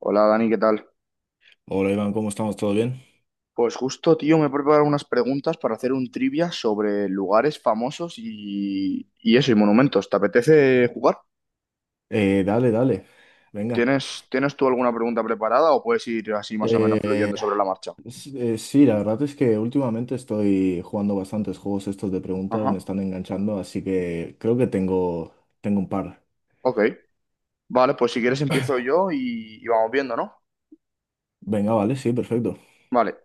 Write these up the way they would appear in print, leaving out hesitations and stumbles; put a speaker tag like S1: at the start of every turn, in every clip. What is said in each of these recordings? S1: Hola Dani, ¿qué tal?
S2: Hola Iván, ¿cómo estamos? ¿Todo bien?
S1: Pues justo, tío, me he preparado unas preguntas para hacer un trivia sobre lugares famosos y eso, y monumentos. ¿Te apetece jugar?
S2: Dale, dale, venga.
S1: ¿¿Tienes tú alguna pregunta preparada o puedes ir así más o menos
S2: Eh,
S1: fluyendo sobre la marcha?
S2: sí, la verdad es que últimamente estoy jugando bastantes juegos estos de preguntas, me
S1: Ajá,
S2: están enganchando, así que creo que tengo un par.
S1: ok. Vale, pues si quieres empiezo yo y vamos viendo, ¿no?
S2: Venga, vale, sí, perfecto.
S1: Vale,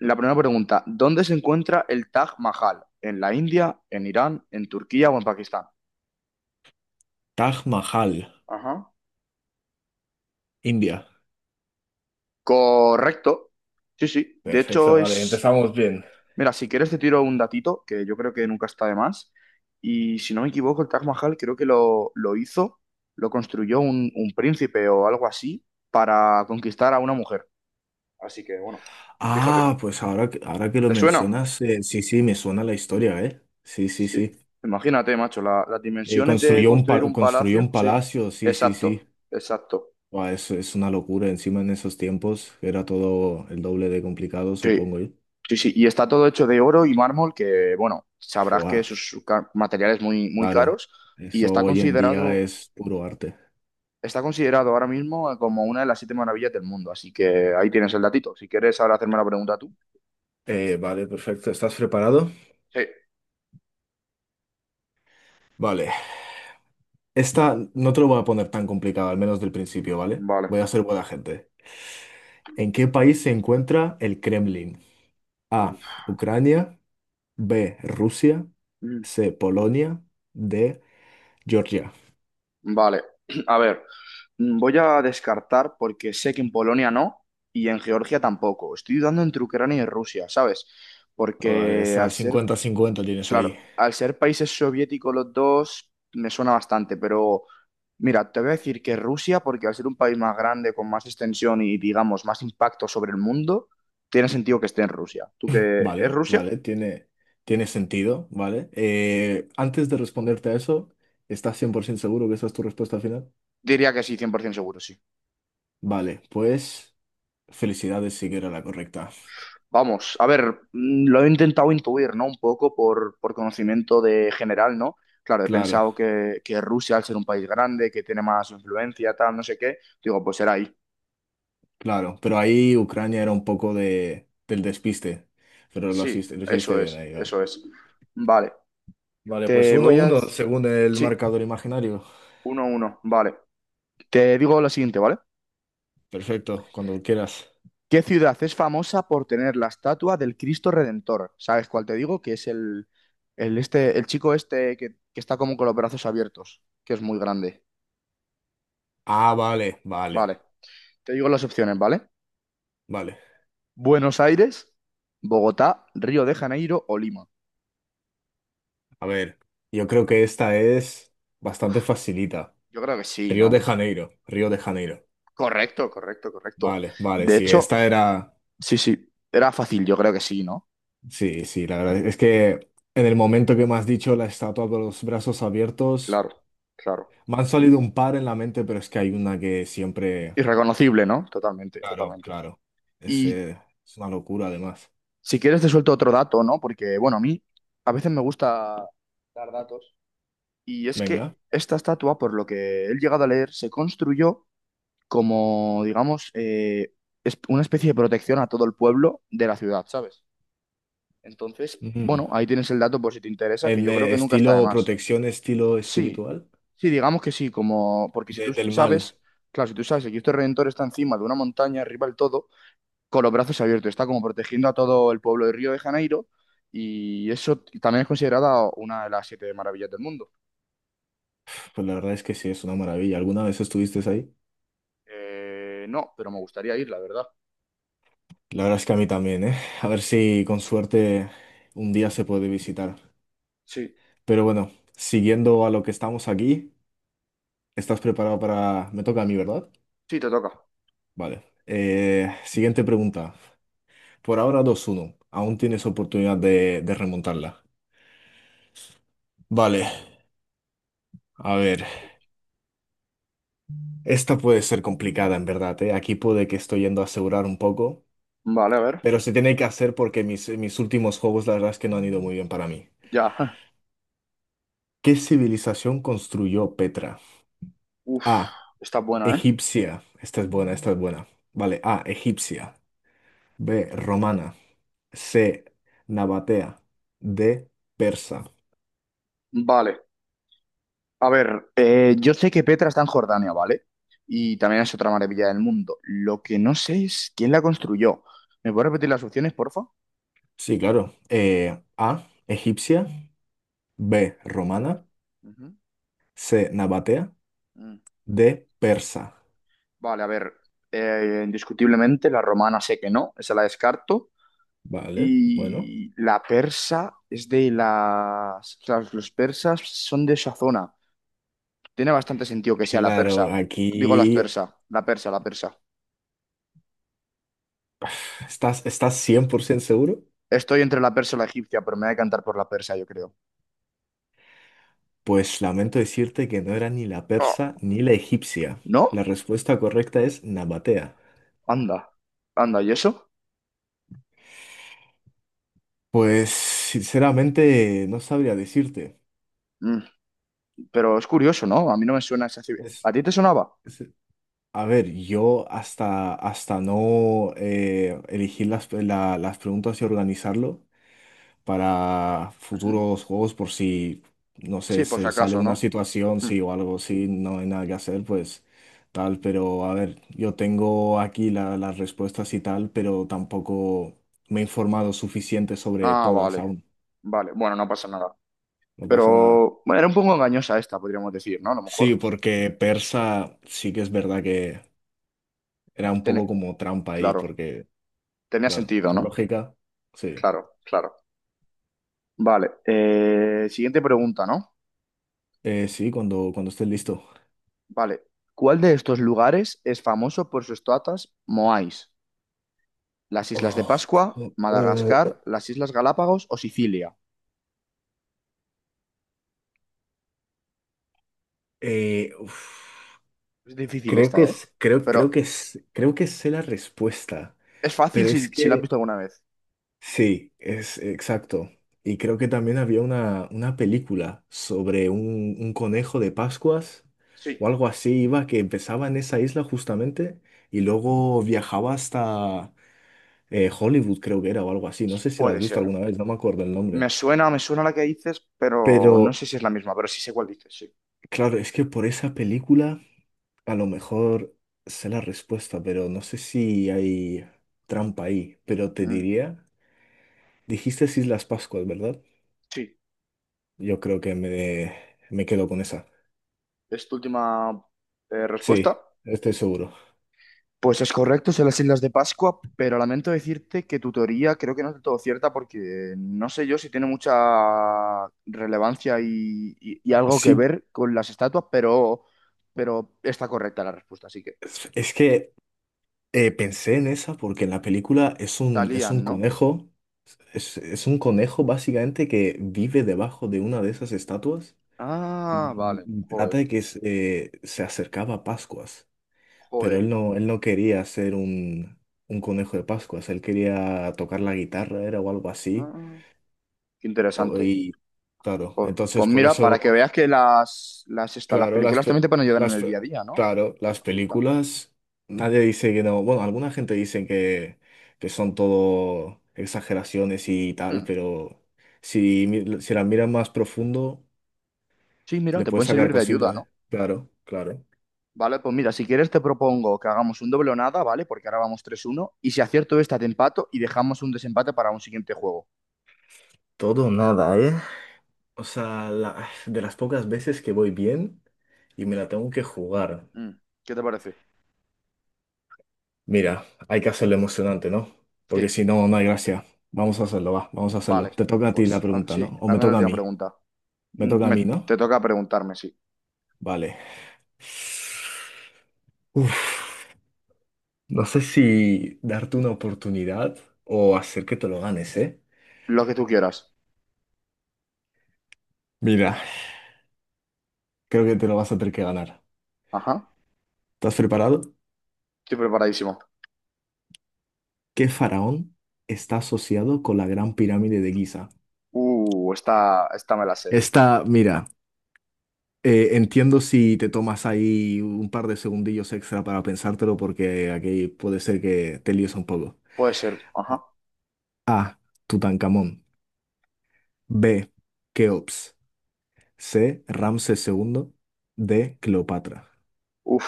S1: la primera pregunta, ¿dónde se encuentra el Taj Mahal? ¿En la India, en Irán, en Turquía o en Pakistán?
S2: Taj Mahal,
S1: Ajá.
S2: India.
S1: Correcto. Sí, sí. De
S2: Perfecto,
S1: hecho,
S2: vale,
S1: es...
S2: empezamos bien.
S1: Mira, si quieres te tiro un datito, que yo creo que nunca está de más. Y si no me equivoco, el Taj Mahal creo que lo hizo, lo construyó un príncipe o algo así para conquistar a una mujer. Así que bueno, fíjate.
S2: Ah, pues ahora que lo
S1: ¿Te suena?
S2: mencionas, sí, sí, me suena la historia, ¿eh? Sí, sí,
S1: Sí.
S2: sí.
S1: Imagínate, macho, las dimensiones de construir un
S2: Construyó
S1: palacio.
S2: un
S1: Sí,
S2: palacio, sí, sí, sí.
S1: exacto, exacto.
S2: Buah, eso es una locura. Encima en esos tiempos era todo el doble de complicado,
S1: Sí,
S2: supongo yo.
S1: sí, sí. Y está todo hecho de oro y mármol, que bueno, sabrás que
S2: Buah,
S1: esos materiales muy, muy
S2: claro.
S1: caros y
S2: Eso
S1: está
S2: hoy en día
S1: considerado...
S2: es puro arte.
S1: Está considerado ahora mismo como una de las siete maravillas del mundo, así que ahí tienes el datito. Si quieres ahora hacerme la pregunta tú.
S2: Vale, perfecto. ¿Estás preparado?
S1: Sí,
S2: Vale. Esta no te lo voy a poner tan complicada, al menos del principio, ¿vale?
S1: vale.
S2: Voy a ser buena gente. ¿En qué país se encuentra el Kremlin? A.
S1: Uf.
S2: Ucrania. B. Rusia.
S1: Mm.
S2: C. Polonia. D. Georgia.
S1: Vale, a ver, voy a descartar porque sé que en Polonia no, y en Georgia tampoco. Estoy dudando entre Ucrania y Rusia, ¿sabes?
S2: Vale,
S1: Porque
S2: esa
S1: al ser...
S2: cincuenta-cincuenta tienes
S1: Claro,
S2: ahí.
S1: al ser países soviéticos los dos, me suena bastante, pero mira, te voy a decir que Rusia, porque al ser un país más grande, con más extensión y, digamos, más impacto sobre el mundo, tiene sentido que esté en Rusia. ¿Tú que es
S2: Vale,
S1: Rusia?
S2: vale, tiene sentido, ¿vale? Antes de responderte a eso, ¿estás 100% seguro que esa es tu respuesta final?
S1: Diría que sí, 100% seguro, sí.
S2: Vale, pues felicidades, sí que era la correcta.
S1: Vamos, a ver, lo he intentado intuir, ¿no? Un poco por conocimiento de general, ¿no? Claro, he
S2: Claro,
S1: pensado que Rusia, al ser un país grande, que tiene más influencia, tal, no sé qué, digo, pues será ahí.
S2: claro, pero ahí Ucrania era un poco de, del despiste, pero
S1: Sí,
S2: lo hiciste
S1: eso
S2: bien
S1: es,
S2: ahí, vale.
S1: eso es. Vale.
S2: Vale, pues
S1: Te
S2: uno
S1: voy a
S2: uno
S1: decir...
S2: según el
S1: Sí,
S2: marcador imaginario.
S1: uno a uno, vale. Te digo lo siguiente, ¿vale?
S2: Perfecto, cuando quieras.
S1: ¿Qué ciudad es famosa por tener la estatua del Cristo Redentor? ¿Sabes cuál te digo? Que es este, el chico este que está como con los brazos abiertos, que es muy grande.
S2: Ah, vale, vale,
S1: Vale, te digo las opciones, ¿vale?
S2: vale.
S1: Buenos Aires, Bogotá, Río de Janeiro o Lima.
S2: A ver, yo creo que esta es bastante facilita.
S1: Yo creo que sí,
S2: Río de
S1: ¿no?
S2: Janeiro, Río de Janeiro.
S1: Correcto, correcto, correcto.
S2: Vale, vale,
S1: De
S2: sí, esta
S1: hecho,
S2: era…
S1: sí, sí, era fácil, yo creo que sí, ¿no?
S2: Sí, sí, la verdad es que en el momento que me has dicho la estatua con los brazos abiertos,
S1: Claro, claro.
S2: me han salido un par en la mente, pero es que hay una que siempre…
S1: Irreconocible, ¿no? Totalmente,
S2: Claro,
S1: totalmente.
S2: claro. Es,
S1: Y
S2: eh, es una locura además.
S1: si quieres te suelto otro dato, ¿no? Porque, bueno, a mí a veces me gusta dar datos. Y es
S2: Venga.
S1: que esta estatua, por lo que he llegado a leer, se construyó como, digamos, una especie de protección a todo el pueblo de la ciudad, ¿sabes? Entonces,
S2: Ujú.
S1: bueno, ahí tienes el dato por si te interesa, que
S2: El
S1: yo creo que nunca está de
S2: Estilo
S1: más.
S2: protección, estilo
S1: Sí,
S2: espiritual
S1: sí, digamos que sí, como, porque si tú
S2: del mal.
S1: sabes, claro, si tú sabes que Cristo Redentor está encima de una montaña, arriba del todo, con los brazos abiertos, está como protegiendo a todo el pueblo de Río de Janeiro y eso también es considerada una de las siete maravillas del mundo.
S2: Pues la verdad es que sí, es una maravilla. ¿Alguna vez estuviste ahí?
S1: No, pero me gustaría ir, la verdad.
S2: La verdad es que a mí también, ¿eh? A ver si con suerte un día se puede visitar.
S1: Sí,
S2: Pero bueno, siguiendo a lo que estamos aquí, ¿estás preparado para… Me toca a mí, ¿verdad?
S1: sí, te toca.
S2: Vale. Siguiente pregunta. Por ahora dos uno. Aún tienes oportunidad de remontarla. Vale, a ver. Esta puede ser complicada, en verdad, ¿eh? Aquí puede que estoy yendo a asegurar un poco,
S1: Vale, a ver,
S2: pero se tiene que hacer porque mis últimos juegos, la verdad es que no han ido muy bien para mí.
S1: ya.
S2: ¿Qué civilización construyó Petra?
S1: Uf,
S2: A.
S1: está buena, ¿eh?
S2: Egipcia. Esta es buena, esta es buena. Vale, A. Egipcia. B. Romana. C. Nabatea. D. Persa.
S1: Vale, a ver, yo sé que Petra está en Jordania, ¿vale? Y también es otra maravilla del mundo. Lo que no sé es quién la construyó. ¿Me puedes repetir las opciones, porfa?
S2: Sí, claro. A. Egipcia. B. Romana.
S1: Ujú.
S2: C. Nabatea.
S1: Mm.
S2: D. Persa.
S1: Vale, a ver, indiscutiblemente la romana sé que no, esa la descarto.
S2: Vale, bueno.
S1: Y la persa es de las... O sea, los persas son de esa zona. Tiene bastante sentido que sea la
S2: Claro,
S1: persa. Digo las
S2: aquí
S1: persa, la persa, la persa.
S2: estás 100% seguro.
S1: Estoy entre la persa y la egipcia, pero me voy a cantar por la persa, yo creo.
S2: Pues lamento decirte que no era ni la
S1: Oh,
S2: persa ni la egipcia. La
S1: ¿no?
S2: respuesta correcta es Nabatea.
S1: Anda, anda, ¿y eso?
S2: Pues sinceramente no sabría decirte.
S1: Mm, pero es curioso, ¿no? A mí no me suena esa civil.
S2: Es,
S1: ¿A ti te sonaba?
S2: es- A ver, hasta no elegir las preguntas y organizarlo para
S1: Ujú.
S2: futuros juegos por si, no sé,
S1: Sí, por si
S2: se sale
S1: acaso,
S2: una
S1: ¿no?
S2: situación,
S1: Mm.
S2: sí o algo, sí, no hay nada que hacer, pues tal, pero a ver, yo tengo aquí las respuestas y tal, pero tampoco me he informado suficiente sobre
S1: Ah,
S2: todas
S1: vale,
S2: aún,
S1: vale. Bueno, no pasa nada.
S2: no pasa nada.
S1: Pero, bueno, era un poco engañosa esta, podríamos decir, ¿no? A lo
S2: Sí,
S1: mejor.
S2: porque Persa sí que es verdad que era un poco
S1: Tiene...
S2: como trampa ahí,
S1: Claro.
S2: porque…
S1: Tenía
S2: Claro,
S1: sentido,
S2: por
S1: ¿no?
S2: lógica, sí.
S1: Claro, claro. Vale, siguiente pregunta, ¿no?
S2: Sí, cuando estés listo.
S1: Vale, ¿cuál de estos lugares es famoso por sus toatas moais? ¿Las Islas de
S2: Oh,
S1: Pascua,
S2: co- oh,
S1: Madagascar,
S2: oh,
S1: las Islas Galápagos o Sicilia?
S2: uf.
S1: Es difícil
S2: Creo que
S1: esta, ¿eh?
S2: es, creo,
S1: Pero
S2: creo que es, creo que sé la respuesta,
S1: es fácil
S2: pero
S1: si,
S2: es
S1: si la has
S2: que
S1: visto alguna vez.
S2: sí, es exacto. Y creo que también había una película sobre un conejo de Pascuas
S1: Sí,
S2: o algo así, iba que empezaba en esa isla justamente y luego viajaba hasta Hollywood, creo que era, o algo así. No sé si la has
S1: puede
S2: visto
S1: ser.
S2: alguna vez, no me acuerdo el nombre.
S1: Me suena la que dices, pero no
S2: Pero
S1: sé si es la misma, pero sí sé cuál dices, sí.
S2: claro, es que por esa película a lo mejor sé la respuesta, pero no sé si hay trampa ahí. Pero te
S1: Mm,
S2: diría, dijiste Islas Pascuas, ¿verdad?
S1: sí,
S2: Yo creo que me quedo con esa.
S1: es tu última
S2: Sí,
S1: respuesta.
S2: estoy seguro.
S1: Pues es correcto, son las Islas de Pascua, pero lamento decirte que tu teoría creo que no es del todo cierta porque no sé yo si tiene mucha relevancia y algo que
S2: Sí,
S1: ver con las estatuas, pero está correcta la respuesta, así que
S2: es que pensé en esa porque en la película es un
S1: salían, ¿no?
S2: conejo, es un conejo básicamente que vive debajo de una de esas estatuas
S1: Ah, vale,
S2: y trata
S1: joder,
S2: de que se se acercaba a Pascuas. Pero
S1: joder.
S2: él no quería ser un conejo de Pascuas, él quería tocar la guitarra, era o algo así.
S1: Ah, qué
S2: O-
S1: interesante.
S2: y claro,
S1: Pues,
S2: entonces
S1: pues
S2: por
S1: mira,
S2: eso,
S1: para que veas que las, esta- las
S2: claro,
S1: películas también te pueden ayudar en el día a día, ¿no?
S2: claro, las
S1: Ahí está.
S2: películas, nadie dice que no, bueno, alguna gente dice que son todo exageraciones y tal,
S1: Mm.
S2: pero si, si las miras más profundo,
S1: Sí, mira,
S2: le
S1: te
S2: puedes
S1: pueden
S2: sacar
S1: servir de ayuda,
S2: cositas,
S1: ¿no?
S2: claro, claro.
S1: Vale, pues mira, si quieres te propongo que hagamos un doble o nada, ¿vale? Porque ahora vamos 3-1. Y si acierto esta, te empato y dejamos un desempate para un siguiente juego.
S2: Todo o nada, ¿eh? O sea, de las pocas veces que voy bien y me la tengo que jugar.
S1: Mm, ¿qué te parece?
S2: Mira, hay que hacerlo emocionante, ¿no? Porque
S1: Sí,
S2: si no, no hay gracia. Vamos a hacerlo, va, vamos a hacerlo.
S1: vale.
S2: Te toca a ti la
S1: Pues ah,
S2: pregunta,
S1: sí,
S2: ¿no? O me
S1: hazme la
S2: toca a
S1: última
S2: mí.
S1: pregunta.
S2: Me
S1: Mm,
S2: toca a
S1: me-
S2: mí, ¿no?
S1: Te toca preguntarme, sí.
S2: Vale. Uf, no sé si darte una oportunidad o hacer que te lo ganes, ¿eh?
S1: Lo que tú quieras.
S2: Mira, creo que te lo vas a tener que ganar.
S1: Ajá.
S2: ¿Estás preparado?
S1: Estoy preparadísimo.
S2: ¿Qué faraón está asociado con la Gran Pirámide de Giza?
S1: Esta me la sé.
S2: Esta, mira. Entiendo si te tomas ahí un par de segundillos extra para pensártelo porque aquí puede ser que te líes un poco.
S1: Puede ser. Ajá.
S2: A. Tutankamón. B. Keops. C. Ramsés segundo. D. Cleopatra.
S1: Uf.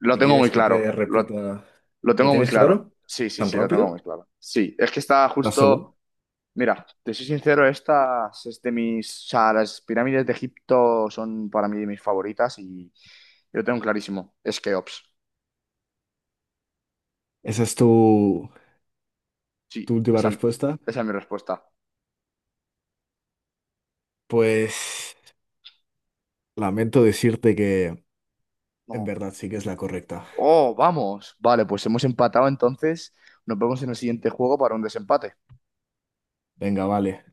S1: Lo
S2: Si
S1: tengo muy
S2: quieres que te
S1: claro.
S2: repita,
S1: Lo
S2: ¿lo
S1: tengo muy
S2: tienes
S1: claro.
S2: claro?
S1: Sí, sí,
S2: ¿Tan
S1: sí, lo tengo
S2: rápido?
S1: muy claro. Sí, es que está
S2: ¿Estás
S1: justo...
S2: seguro?
S1: Mira, te soy sincero, estas es de mis, o sea, las pirámides de Egipto son para mí de mis favoritas y yo tengo clarísimo, es Keops.
S2: ¿Esa es tu, tu
S1: Sí,
S2: última
S1: esa,
S2: respuesta?
S1: esa es mi respuesta.
S2: Pues lamento decirte que en
S1: No.
S2: verdad sí que es la correcta.
S1: Oh, vamos. Vale, pues hemos empatado entonces. Nos vemos en el siguiente juego para un desempate.
S2: Venga, vale.